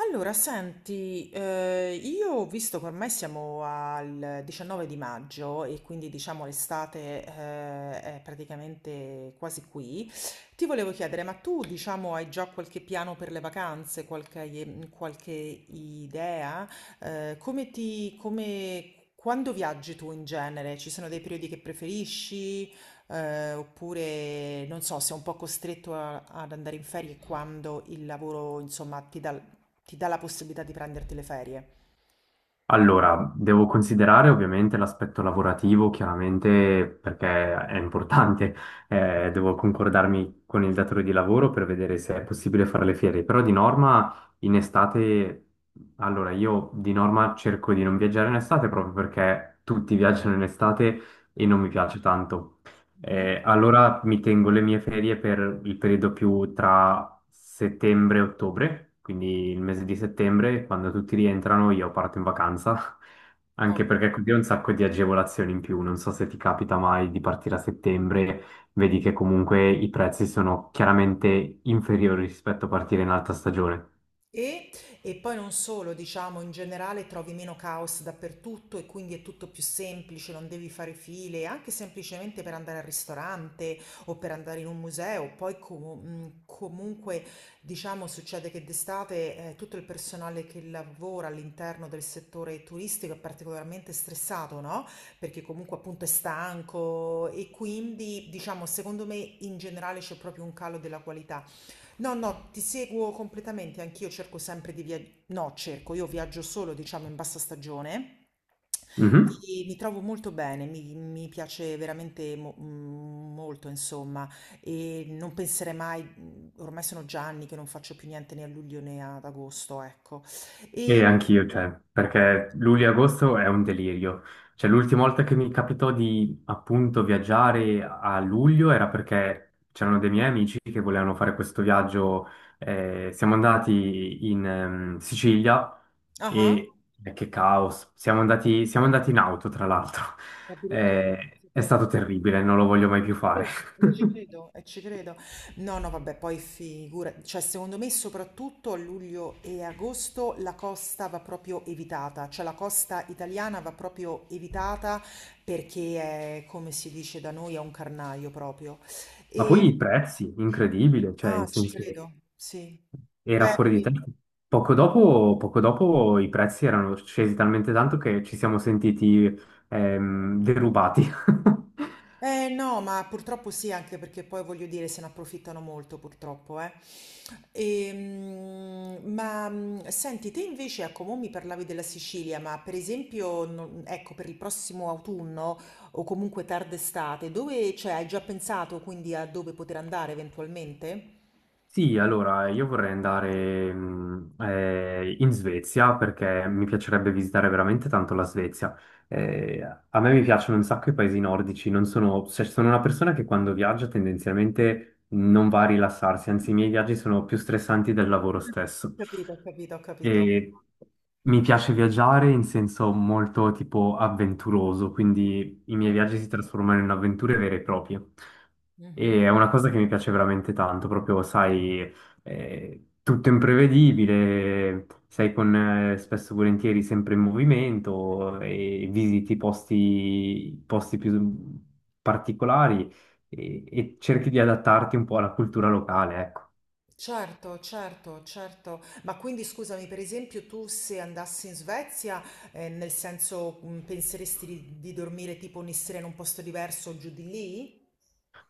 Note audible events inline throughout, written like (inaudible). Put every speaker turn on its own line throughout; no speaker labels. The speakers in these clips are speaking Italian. Allora, senti, io visto che ormai siamo al 19 di maggio e quindi diciamo l'estate è praticamente quasi qui, ti volevo chiedere, ma tu diciamo hai già qualche piano per le vacanze, qualche idea? Quando viaggi tu in genere? Ci sono dei periodi che preferisci? Oppure non so, sei un po' costretto ad andare in ferie quando il lavoro, insomma, ti dà la possibilità di prenderti le ferie.
Allora, devo considerare ovviamente l'aspetto lavorativo, chiaramente perché è importante. (laughs) Devo concordarmi con il datore di lavoro per vedere se è possibile fare le fiere, però di norma in estate, allora io di norma cerco di non viaggiare in estate proprio perché tutti viaggiano in estate e non mi piace tanto.
Mhm.
Allora mi tengo le mie ferie per il periodo più tra settembre e ottobre, quindi il mese di settembre, quando tutti rientrano io parto in vacanza, (laughs)
Ok.
anche perché così ho un sacco di agevolazioni in più, non so se ti capita mai di partire a settembre, vedi che comunque i prezzi sono chiaramente inferiori rispetto a partire in alta stagione.
E, e poi non solo, diciamo, in generale trovi meno caos dappertutto e quindi è tutto più semplice, non devi fare file, anche semplicemente per andare al ristorante o per andare in un museo. Poi comunque, diciamo, succede che d'estate tutto il personale che lavora all'interno del settore turistico è particolarmente stressato, no? Perché comunque appunto è stanco e quindi, diciamo, secondo me in generale c'è proprio un calo della qualità. No, no, ti seguo completamente, anch'io cerco sempre di viaggiare, no, cerco, io viaggio solo, diciamo, in bassa stagione
Mhm.
e mi trovo molto bene, mi piace veramente molto, insomma, e non penserei mai, ormai sono già anni che non faccio più niente né a luglio né ad agosto, ecco.
E
E.
anch'io, cioè, perché luglio e agosto è un delirio. Cioè, l'ultima volta che mi capitò di appunto viaggiare a luglio era perché c'erano dei miei amici che volevano fare questo viaggio. Siamo andati in Sicilia
Ah,
e che caos! Siamo andati in auto, tra l'altro. (laughs)
addirittura,
È
sapete,
stato terribile, non lo voglio mai più fare.
credo, e ci credo, e ci credo. No, no, vabbè, poi figura, cioè secondo me soprattutto a luglio e agosto la costa va proprio evitata, cioè la costa italiana va proprio evitata perché è, come si dice da noi, è un carnaio proprio.
(laughs) Ma poi i
E.
prezzi, incredibile, cioè, in
Ah, ci
senso.
credo, sì.
Era
Beh,
fuori di
qui-
testa. Poco dopo i prezzi erano scesi talmente tanto che ci siamo sentiti derubati. (laughs)
Eh no, ma purtroppo sì, anche perché poi voglio dire se ne approfittano molto purtroppo, eh. Ma senti, te invece, ecco, mo mi parlavi della Sicilia, ma per esempio, ecco, per il prossimo autunno o comunque tarda estate, dove, cioè, hai già pensato quindi a dove poter andare eventualmente?
Sì, allora io vorrei andare in Svezia perché mi piacerebbe visitare veramente tanto la Svezia. A me mi piacciono un sacco i paesi nordici, non sono, cioè, sono una persona che quando viaggia tendenzialmente non va a rilassarsi, anzi i miei viaggi sono più stressanti del lavoro stesso.
Capito, ho capito, ho capito.
E mi piace viaggiare in senso molto tipo avventuroso, quindi i miei viaggi si trasformano in avventure vere e proprie.
Mhm,
E
mhm.
è una cosa che mi piace veramente tanto, proprio, sai, tutto imprevedibile, sei con spesso e volentieri sempre in movimento e visiti posti più particolari e cerchi di adattarti un po' alla cultura locale, ecco.
Certo, certo, certo. Ma quindi scusami, per esempio, tu se andassi in Svezia, nel senso, penseresti di dormire tipo ogni sera in un posto diverso giù di lì?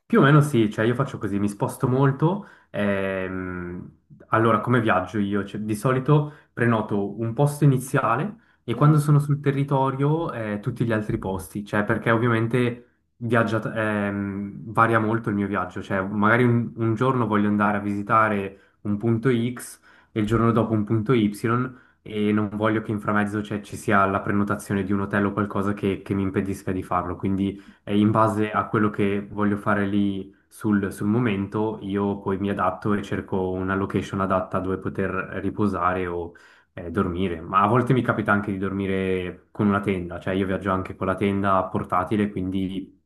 Più o meno sì, cioè io faccio così, mi sposto molto. Allora, come viaggio io? Cioè, di solito prenoto un posto iniziale e quando sono sul territorio tutti gli altri posti, cioè perché ovviamente viaggia, varia molto il mio viaggio, cioè magari un giorno voglio andare a visitare un punto X e il giorno dopo un punto Y e non voglio che in framezzo cioè, ci sia la prenotazione di un hotel o qualcosa che mi impedisca di farlo, quindi e in base a quello che voglio fare lì sul momento, io poi mi adatto e cerco una location adatta dove poter riposare o dormire. Ma a volte mi capita anche di dormire con una tenda, cioè io viaggio anche con la tenda portatile, quindi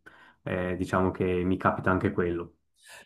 diciamo che mi capita anche quello.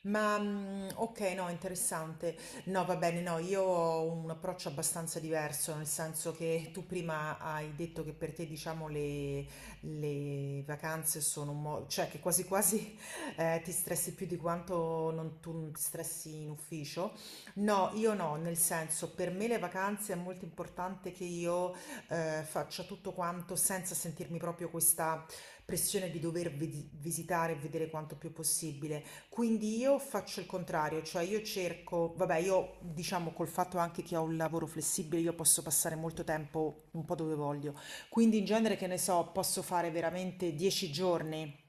Ma, okay, no, interessante. No, va bene, no, io ho un approccio abbastanza diverso, nel senso che tu prima hai detto che per te, diciamo, le vacanze sono un mo cioè che quasi quasi, (laughs) ti stressi più di quanto non tu non ti stressi in ufficio. No, io no, nel senso, per me le vacanze è molto importante che io, faccia tutto quanto senza sentirmi proprio questa pressione di dover vedi visitare e vedere quanto più possibile. Quindi io faccio il contrario, cioè io cerco, vabbè, io diciamo col fatto anche che ho un lavoro flessibile, io posso passare molto tempo un po' dove voglio. Quindi in genere, che ne so, posso fare veramente 10 giorni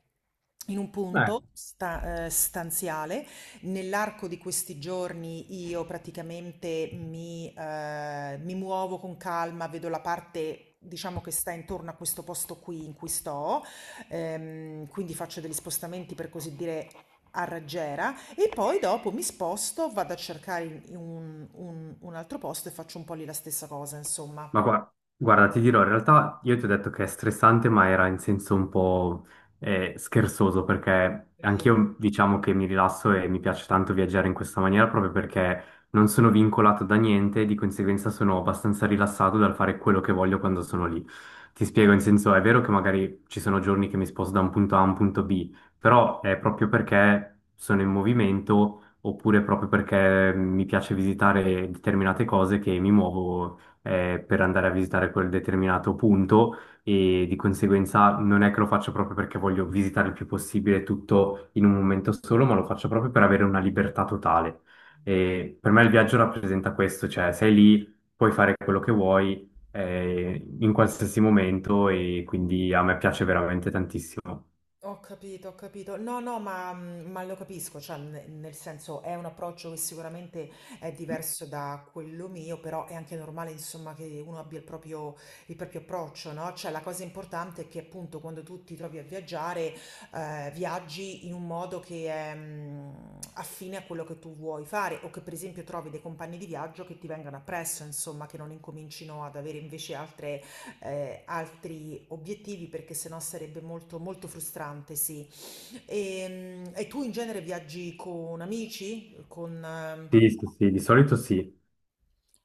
in un punto stanziale. Nell'arco di questi giorni io praticamente mi muovo con calma, vedo la parte. Diciamo che sta intorno a questo posto qui in cui sto, quindi faccio degli spostamenti per così dire a raggiera e poi dopo mi sposto, vado a cercare in un altro posto e faccio un po' lì la stessa cosa, insomma.
Ma guarda, ti dirò, in realtà io ti ho detto che è stressante, ma era in senso un po' scherzoso, perché anch'io diciamo che mi rilasso e mi piace tanto viaggiare in questa maniera proprio perché non sono vincolato da niente, di conseguenza sono abbastanza rilassato dal fare quello che voglio quando sono lì. Ti spiego, in senso, è vero che magari ci sono giorni che mi sposto da un punto A a un punto B, però è proprio perché sono in movimento oppure proprio perché mi piace visitare determinate cose che mi muovo per andare a visitare quel determinato punto e di conseguenza non è che lo faccio proprio perché voglio visitare il più possibile tutto in un momento solo, ma lo faccio proprio per avere una libertà totale. E per me il viaggio rappresenta questo, cioè sei lì, puoi fare quello che vuoi in qualsiasi momento e quindi a me piace veramente tantissimo.
Ho capito, ho capito. No, no, ma lo capisco, cioè, nel senso è un approccio che sicuramente è diverso da quello mio, però è anche normale, insomma, che uno abbia il proprio approccio, no? Cioè, la cosa importante è che appunto quando tu ti trovi a viaggiare, viaggi in un modo che è affine a quello che tu vuoi fare, o che per esempio trovi dei compagni di viaggio che ti vengano appresso, insomma, che non incomincino ad avere invece altre altri obiettivi perché sennò sarebbe molto, molto frustrante, sì. E tu in genere viaggi con amici? Con.
Sì, sì, sì, di solito sì.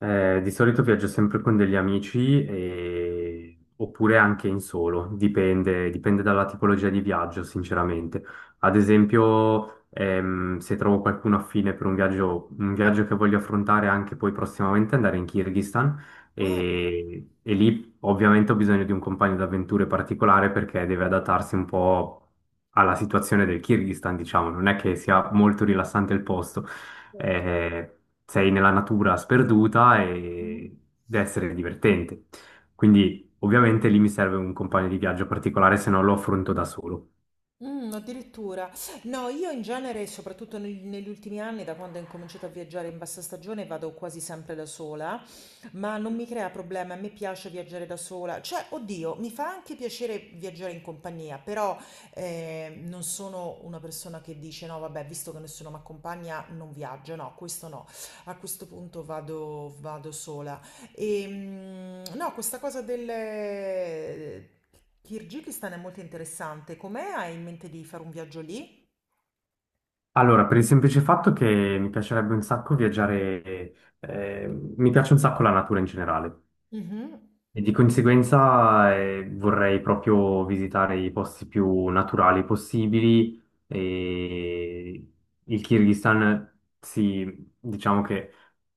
Di solito viaggio sempre con degli amici oppure anche in solo, dipende, dipende dalla tipologia di viaggio, sinceramente. Ad esempio, se trovo qualcuno affine per un viaggio che voglio affrontare anche poi prossimamente, andare in Kirghizistan
Ah,
e lì ovviamente ho bisogno di un compagno d'avventure particolare perché deve adattarsi un po' alla situazione del Kirghizistan, diciamo, non è che sia molto rilassante il posto,
perfetto.
sei nella natura sperduta
Mm.
e deve essere divertente. Quindi ovviamente lì mi serve un compagno di viaggio particolare, se no lo affronto da solo.
Mm, addirittura. No, io in genere, soprattutto negli ultimi anni, da quando ho incominciato a viaggiare in bassa stagione, vado quasi sempre da sola. Ma non mi crea problemi, a me piace viaggiare da sola, cioè, oddio, mi fa anche piacere viaggiare in compagnia, però non sono una persona che dice no, vabbè, visto che nessuno mi accompagna, non viaggio, no, questo no, a questo punto vado, sola. E, no, questa cosa del Kirghizistan è molto interessante, com'è? Hai in mente di fare un viaggio lì?
Allora, per il semplice fatto che mi piacerebbe un sacco viaggiare, eh, mi piace un sacco la natura in generale.
Mhm.
E di conseguenza vorrei proprio visitare i posti più naturali possibili e il Kirghizistan si, diciamo che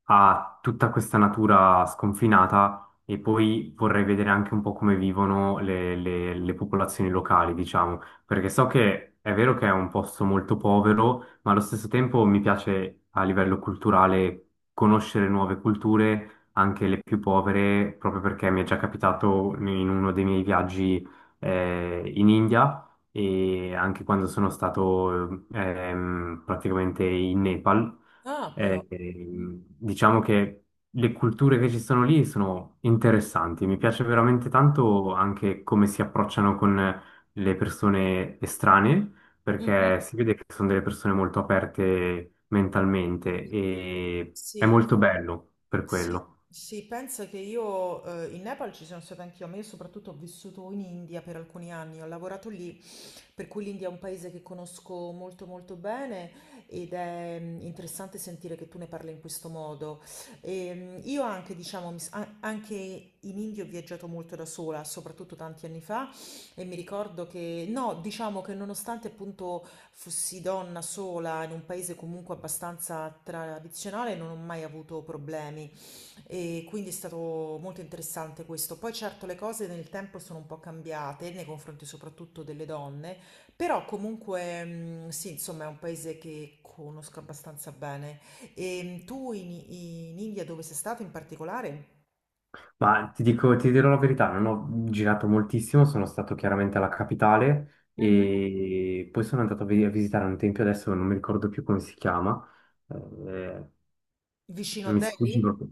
ha tutta questa natura sconfinata e poi vorrei vedere anche un po' come vivono le popolazioni locali, diciamo, perché so che è vero che è un posto molto povero, ma allo stesso tempo mi piace a livello culturale conoscere nuove culture anche le più povere, proprio perché mi è già capitato in uno dei miei viaggi in India e anche quando sono stato praticamente in Nepal.
Ah, però.
Diciamo che le culture che ci sono lì sono interessanti. Mi piace veramente tanto anche come si approcciano con le persone estranee,
Mhm.
perché
Mhm.
si vede che sono delle persone molto aperte mentalmente e è
Sì.
molto bello per
Sì,
quello.
sì, pensa che io in Nepal ci sono stata anch'io, ma io soprattutto ho vissuto in India per alcuni anni, ho lavorato lì, per cui l'India è un paese che conosco molto molto bene ed è interessante sentire che tu ne parli in questo modo. Io anche, diciamo, anche in India ho viaggiato molto da sola, soprattutto tanti anni fa, e mi ricordo che, no, diciamo che nonostante appunto fossi donna sola in un paese comunque abbastanza tradizionale, non ho mai avuto problemi. E quindi è stato molto interessante questo. Poi certo le cose nel tempo sono un po' cambiate nei confronti soprattutto delle donne, però comunque sì, insomma è un paese che conosco abbastanza bene. E tu in India dove sei stato in particolare?
Ma ti dico, ti dirò la verità, non ho girato moltissimo, sono stato chiaramente alla capitale
Mhm.
e poi sono andato a visitare un tempio, adesso non mi ricordo più come si chiama, eh,
Vicino a
mi sfugge
Delhi?
proprio.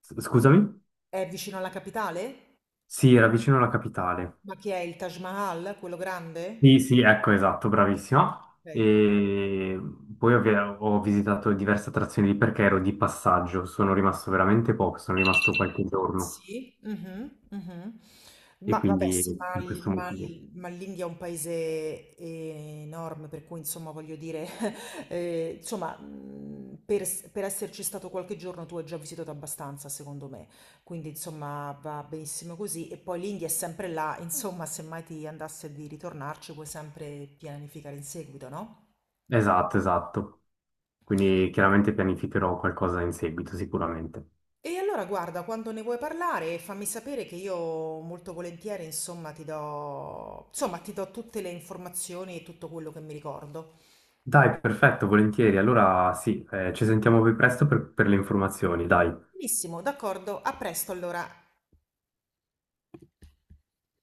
Scusami?
È vicino alla capitale?
Sì, era vicino alla capitale.
Ma che è il Taj Mahal, quello grande?
Sì, sì, ecco, esatto, bravissima.
Ok, ok.
E poi ho visitato diverse attrazioni lì perché ero di passaggio, sono rimasto veramente poco, sono rimasto qualche giorno
Sì, mhm, mhm.
e
Ma vabbè,
quindi
sì, ma,
per
il-
questo
ma
motivo.
il- ma l'India è un paese enorme, per cui insomma voglio dire, (laughs) insomma, per esserci stato qualche giorno tu hai già visitato abbastanza, secondo me. Quindi insomma va benissimo così. E poi l'India è sempre là, insomma, se mai ti andasse di ritornarci puoi sempre pianificare in seguito, no?
Esatto, esatto. Quindi chiaramente pianificherò qualcosa in seguito, sicuramente.
E allora guarda, quando ne vuoi parlare, fammi sapere che io molto volentieri, insomma, insomma, ti do tutte le informazioni e tutto quello che mi ricordo.
Dai, perfetto, volentieri. Allora sì, ci sentiamo più presto per le informazioni, dai.
Benissimo, d'accordo, a presto allora.